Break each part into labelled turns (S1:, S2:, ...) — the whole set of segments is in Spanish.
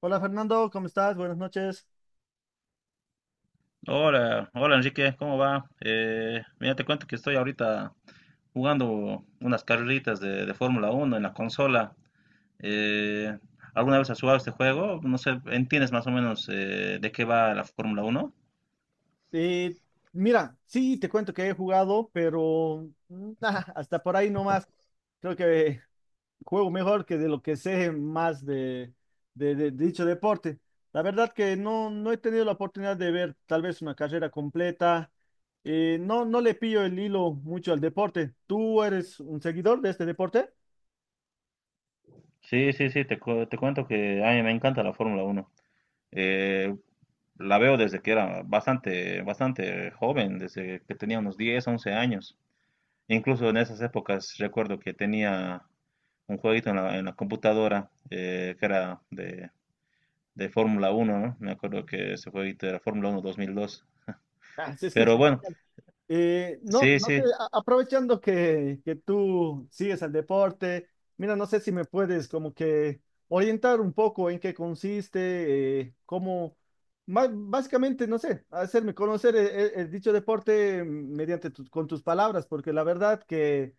S1: Hola Fernando, ¿cómo estás? Buenas noches.
S2: Hola, hola Enrique, ¿cómo va? Mira, te cuento que estoy ahorita jugando unas carreritas de Fórmula Uno en la consola. Eh, ¿alguna vez has jugado este juego? No sé, ¿entiendes más o menos de qué va la Fórmula Uno?
S1: Eh, mira, sí, te cuento que he jugado, pero ah, hasta por ahí nomás. Creo que juego mejor que de lo que sé más de, de dicho deporte. La verdad que no, no he tenido la oportunidad de ver tal vez una carrera completa. No, no le pillo el hilo mucho al deporte. ¿Tú eres un seguidor de este deporte?
S2: Sí, sí, sí, te cuento que a mí me encanta la Fórmula Uno. Eh, la veo desde que era bastante, bastante joven, desde que tenía unos 10, 11 años. Incluso en esas épocas recuerdo que tenía un jueguito en la computadora que era de Fórmula Uno, ¿no? Me acuerdo que ese jueguito era Fórmula 1 2002.
S1: Ah, se escucha.
S2: Pero bueno,
S1: No,
S2: sí, sí,
S1: aprovechando que tú sigues al deporte, mira, no sé si me puedes como que orientar un poco en qué consiste, básicamente, no sé, hacerme conocer el, el dicho deporte mediante con tus palabras, porque la verdad que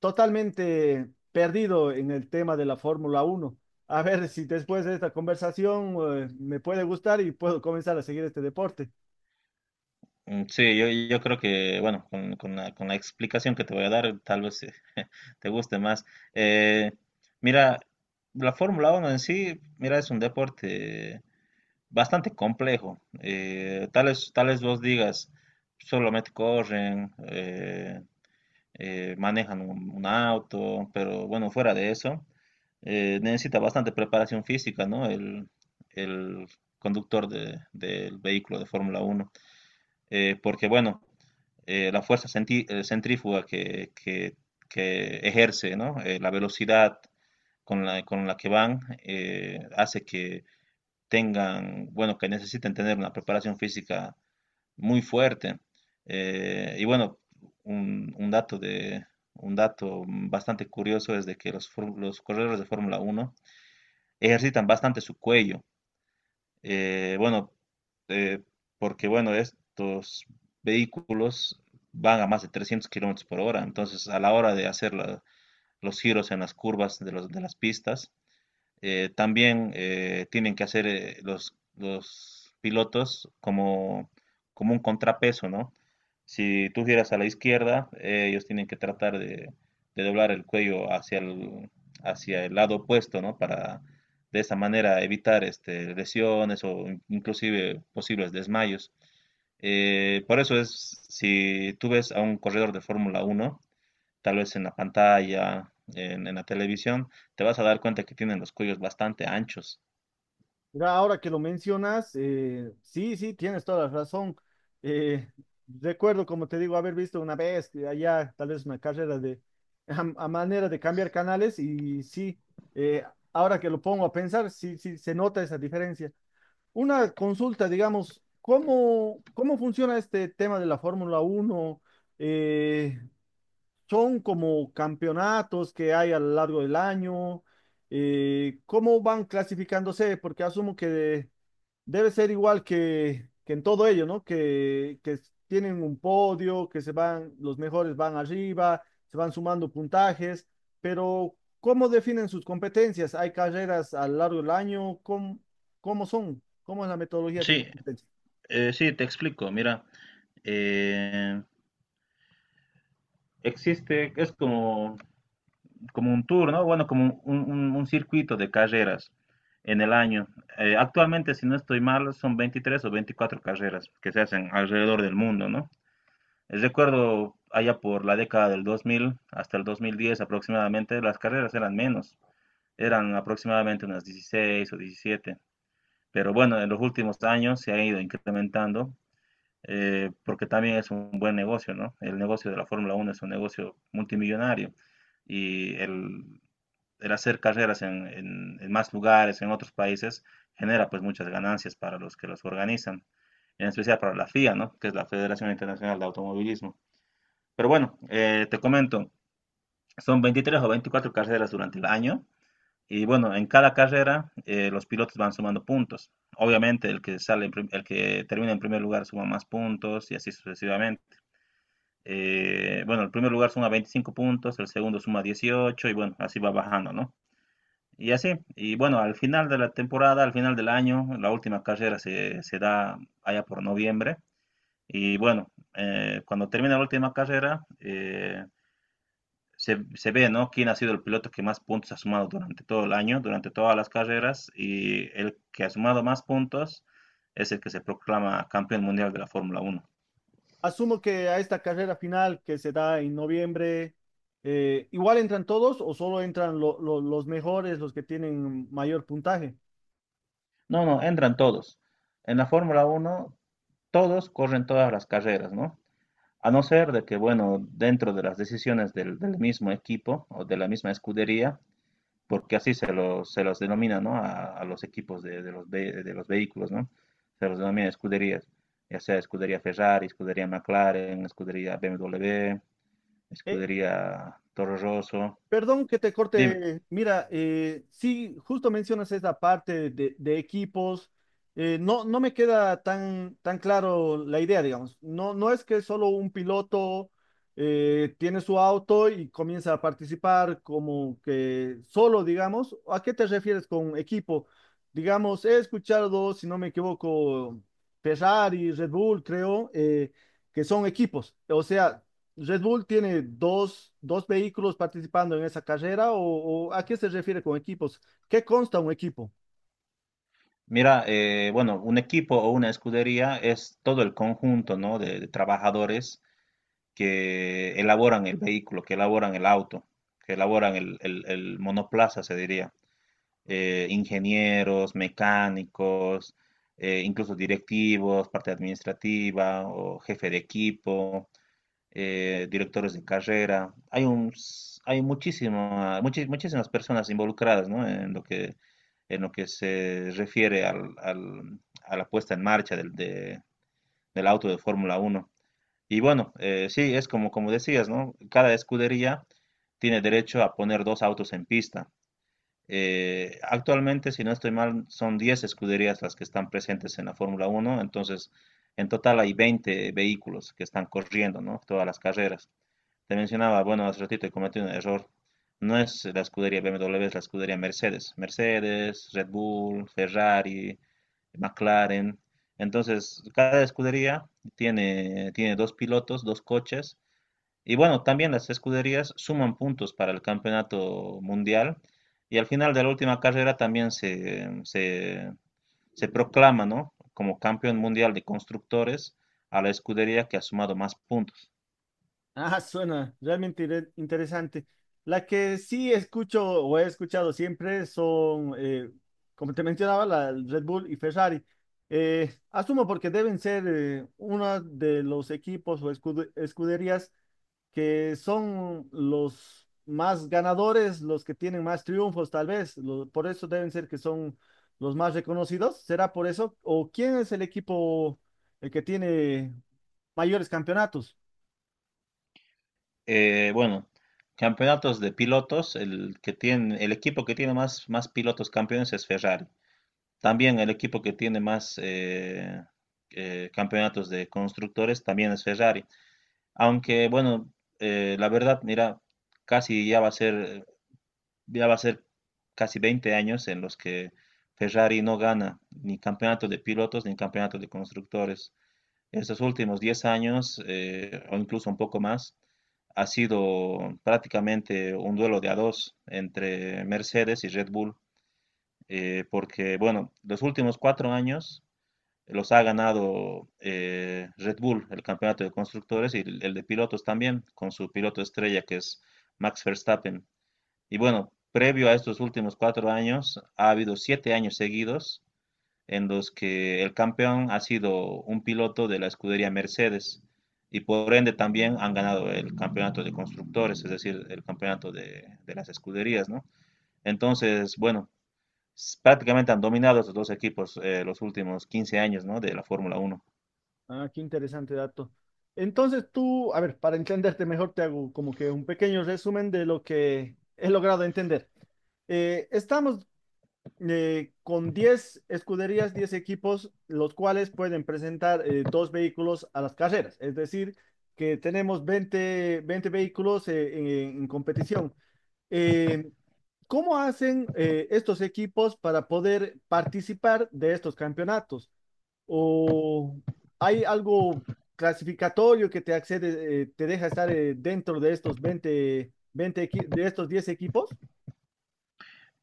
S1: totalmente perdido en el tema de la Fórmula Uno. A ver si después de esta conversación, me puede gustar y puedo comenzar a seguir este deporte.
S2: mm, sí, yo creo que, bueno, con, con la explicación que te voy a dar, tal vez te guste más. Eh, mira, la Fórmula Uno en sí, mira, es un deporte bastante complejo. Tales vos digas, solamente corren, manejan un auto, pero bueno, fuera de eso, necesita bastante preparación física, ¿no? El conductor del vehículo de Fórmula uno, porque bueno, la fuerza centrífuga que ejerce, ¿no? La velocidad con la que van hace que tengan, bueno, que necesiten tener una preparación física muy fuerte. Y bueno, un, un dato de, un dato bastante curioso es de que los corredores de Fórmula uno ejercitan bastante su cuello. Bueno, eh, porque bueno, estos vehículos van a más de 300 kilómetros por hora, entonces a la hora de hacer los giros en las curvas de las pistas, también tienen que hacer los pilotos como un contrapeso, ¿no? Si tú giras a la izquierda, ellos tienen que tratar de doblar el cuello hacia el lado opuesto, ¿no? Para de esa manera evitar lesiones o inclusive posibles desmayos. Por eso es, si tú ves a un corredor de Fórmula Uno tal vez en la pantalla, en la televisión, te vas a dar cuenta que tienen los cuellos bastante anchos.
S1: Mira, ahora que lo mencionas, sí, sí, tienes toda la razón. Eh, recuerdo, como te digo, haber visto una vez que allá tal vez una carrera de a manera de cambiar canales y sí, eh, ahora que lo pongo a pensar, sí, sí, se nota esa diferencia. Una consulta, digamos, ¿cómo funciona este tema de la Fórmula uno? Eh, ¿Son como campeonatos que hay a lo largo del año? ¿Cómo van clasificándose? Porque asumo que debe ser igual que en todo ello, ¿no? Que, tienen un podio, que se van, los mejores van arriba, se van sumando puntajes, pero ¿cómo definen sus competencias? ¿Hay carreras a lo largo del año? ¿Cómo son? ¿Cómo es la metodología de
S2: Sí,
S1: estas competencias?
S2: sí, te explico. Mira, eh, existe, es como un tour, ¿no? Bueno, como un circuito de carreras en el año. Actualmente, si no estoy mal, son 23 o 24 carreras que se hacen alrededor del mundo, ¿no? Recuerdo allá por la década del 2000 hasta el 2010 aproximadamente, las carreras eran menos. Eran aproximadamente unas 16 o 17. Pero bueno, en los últimos años se ha ido incrementando porque también es un buen negocio, ¿no? El negocio de la Fórmula Uno es un negocio multimillonario y el hacer carreras en, en más lugares, en otros países, genera pues muchas ganancias para los que los organizan, en especial para la FIA, ¿no? Que es la Federación Internacional de Automovilismo. Pero bueno, te comento, son 23 o 24 carreras durante el año y bueno, en cada carrera los pilotos van sumando puntos. Obviamente el que sale, el que termina en primer lugar suma más puntos y así sucesivamente. Bueno, el primer lugar suma 25 puntos, el segundo suma 18 y bueno, así va bajando, ¿no? Y así, y bueno, al final de la temporada, al final del año, la última carrera se da allá por noviembre. Y bueno, cuando termina la última carrera, se ve, ¿no? Quién ha sido el piloto que más puntos ha sumado durante todo el año, durante todas las carreras, y el que ha sumado más puntos es el que se proclama campeón mundial de la Fórmula Uno.
S1: Asumo que a esta carrera final que se da en noviembre, ¿igual entran todos o solo entran los mejores, los que tienen mayor puntaje?
S2: No, no, entran todos. En la Fórmula Uno todos corren todas las carreras, ¿no? A no ser de que, bueno, dentro de las decisiones del mismo equipo o de la misma escudería, porque así se los denomina, ¿no? A los equipos de los vehículos, ¿no? Se los denomina escuderías, ya sea escudería Ferrari, escudería McLaren, escudería BMW,
S1: E-
S2: escudería Toro Rosso.
S1: Perdón que te
S2: Dime,
S1: corte. Mira, sí, justo mencionas esa parte de equipos. No, no me queda tan, tan claro la idea, digamos. No, no es que solo un piloto tiene su auto y comienza a participar como que solo, digamos. ¿A qué te refieres con equipo? Digamos, he escuchado, si no me equivoco, Ferrari, Red Bull, creo, que son equipos. O sea, Red Bull tiene dos vehículos participando en esa carrera o ¿a qué se refiere con equipos? ¿Qué consta un equipo?
S2: mira, bueno, un equipo o una escudería es todo el conjunto, ¿no? de trabajadores que elaboran el vehículo, que elaboran el auto, que elaboran el monoplaza, se diría. Ingenieros, mecánicos, incluso directivos, parte administrativa o jefe de equipo, directores de carrera. Hay muchísimas personas involucradas, ¿no? En lo que se refiere a la puesta en marcha del auto de Fórmula Uno. Y bueno, sí, es como decías, ¿no? Cada escudería tiene derecho a poner dos autos en pista. Actualmente, si no estoy mal, son 10 escuderías las que están presentes en la Fórmula Uno. Entonces en total hay 20 vehículos que están corriendo, ¿no? Todas las carreras. Te mencionaba, bueno, hace ratito he cometido un error. No es la escudería BMW, es la escudería Mercedes. Mercedes, Red Bull, Ferrari, McLaren. Entonces, cada escudería tiene dos pilotos, dos coches, y bueno, también las escuderías suman puntos para el campeonato mundial y al final de la última carrera también se proclama, ¿no? como campeón mundial de constructores a la escudería que ha sumado más puntos.
S1: Ah, suena realmente interesante. La que sí escucho o he escuchado siempre son, como te mencionaba, la Red Bull y Ferrari. Asumo porque deben ser uno de los equipos o escuderías que son los más ganadores, los que tienen más triunfos, tal vez. Lo- por eso deben ser que son los más reconocidos. ¿Será por eso? ¿O quién es el equipo el que tiene mayores campeonatos?
S2: Bueno, campeonatos de pilotos, el equipo que tiene más pilotos campeones es Ferrari. También el equipo que tiene más campeonatos de constructores también es Ferrari. Aunque bueno, la verdad, mira, casi ya va a ser, ya va a ser casi 20 años en los que Ferrari no gana ni campeonato de pilotos ni campeonato de constructores. Estos últimos 10 años, o incluso un poco más, ha sido prácticamente un duelo de a dos entre Mercedes y Red Bull, porque bueno, los últimos 4 años los ha ganado Red Bull, el campeonato de constructores y el de pilotos también, con su piloto estrella que es Max Verstappen. Y bueno, previo a estos últimos 4 años, ha habido 7 años seguidos en los que el campeón ha sido un piloto de la escudería Mercedes y por ende también han ganado el campeonato de constructores, es decir, el campeonato de las escuderías, ¿no? Entonces, bueno, prácticamente han dominado estos dos equipos los últimos 15 años, ¿no? De la Fórmula Uno.
S1: Ah, qué interesante dato. Entonces tú, a ver, para entenderte mejor, te hago como que un pequeño resumen de lo que he logrado entender. Estamos con 10 escuderías, 10 equipos, los cuales pueden presentar dos vehículos a las carreras. Es decir, que tenemos veinte vehículos en competición. Eh, ¿Cómo hacen estos equipos para poder participar de estos campeonatos? ¿O hay algo clasificatorio que te accede, te deja estar dentro de estos 10 equipos?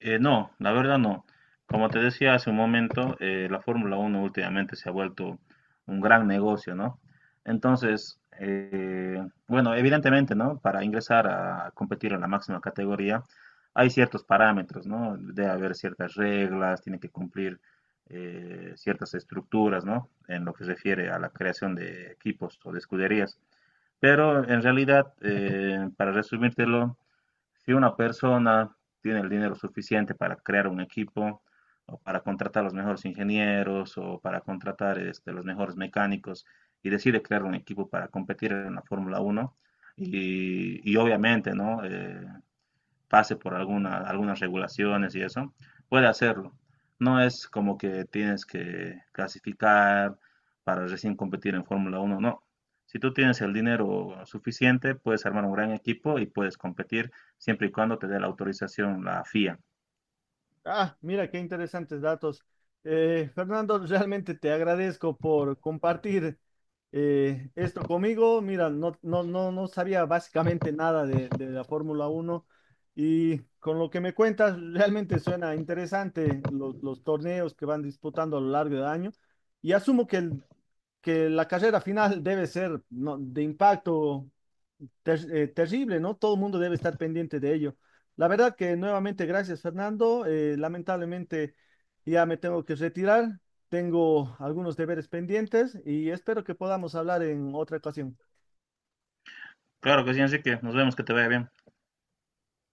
S2: No, la verdad no. Como te decía hace un momento, la Fórmula Uno últimamente se ha vuelto un gran negocio, ¿no? Entonces, bueno, evidentemente, ¿no? Para ingresar a competir en la máxima categoría, hay ciertos parámetros, ¿no? Debe haber ciertas reglas, tiene que cumplir ciertas estructuras, ¿no? En lo que se refiere a la creación de equipos o de escuderías. Pero en realidad, para resumírtelo, si una persona tiene el dinero suficiente para crear un equipo o para contratar los mejores ingenieros o para contratar los mejores mecánicos y decide crear un equipo para competir en la Fórmula Uno y obviamente, ¿no? Pase por algunas regulaciones y eso, puede hacerlo. No es como que tienes que clasificar para recién competir en Fórmula 1, no. Si tú tienes el dinero suficiente, puedes armar un gran equipo y puedes competir siempre y cuando te dé la autorización la FIA.
S1: Ah, mira qué interesantes datos. Fernando, realmente te agradezco por compartir esto conmigo. Mira, no sabía básicamente nada de, de la Fórmula Uno y con lo que me cuentas, realmente suena interesante los torneos que van disputando a lo largo del año y asumo que, que la carrera final debe ser ¿no? de impacto terrible, ¿no? Todo el mundo debe estar pendiente de ello. La verdad que nuevamente gracias, Fernando. Lamentablemente ya me tengo que retirar. Tengo algunos deberes pendientes y espero que podamos hablar en otra ocasión.
S2: Claro que sí, Enrique. Nos vemos, que te vaya bien.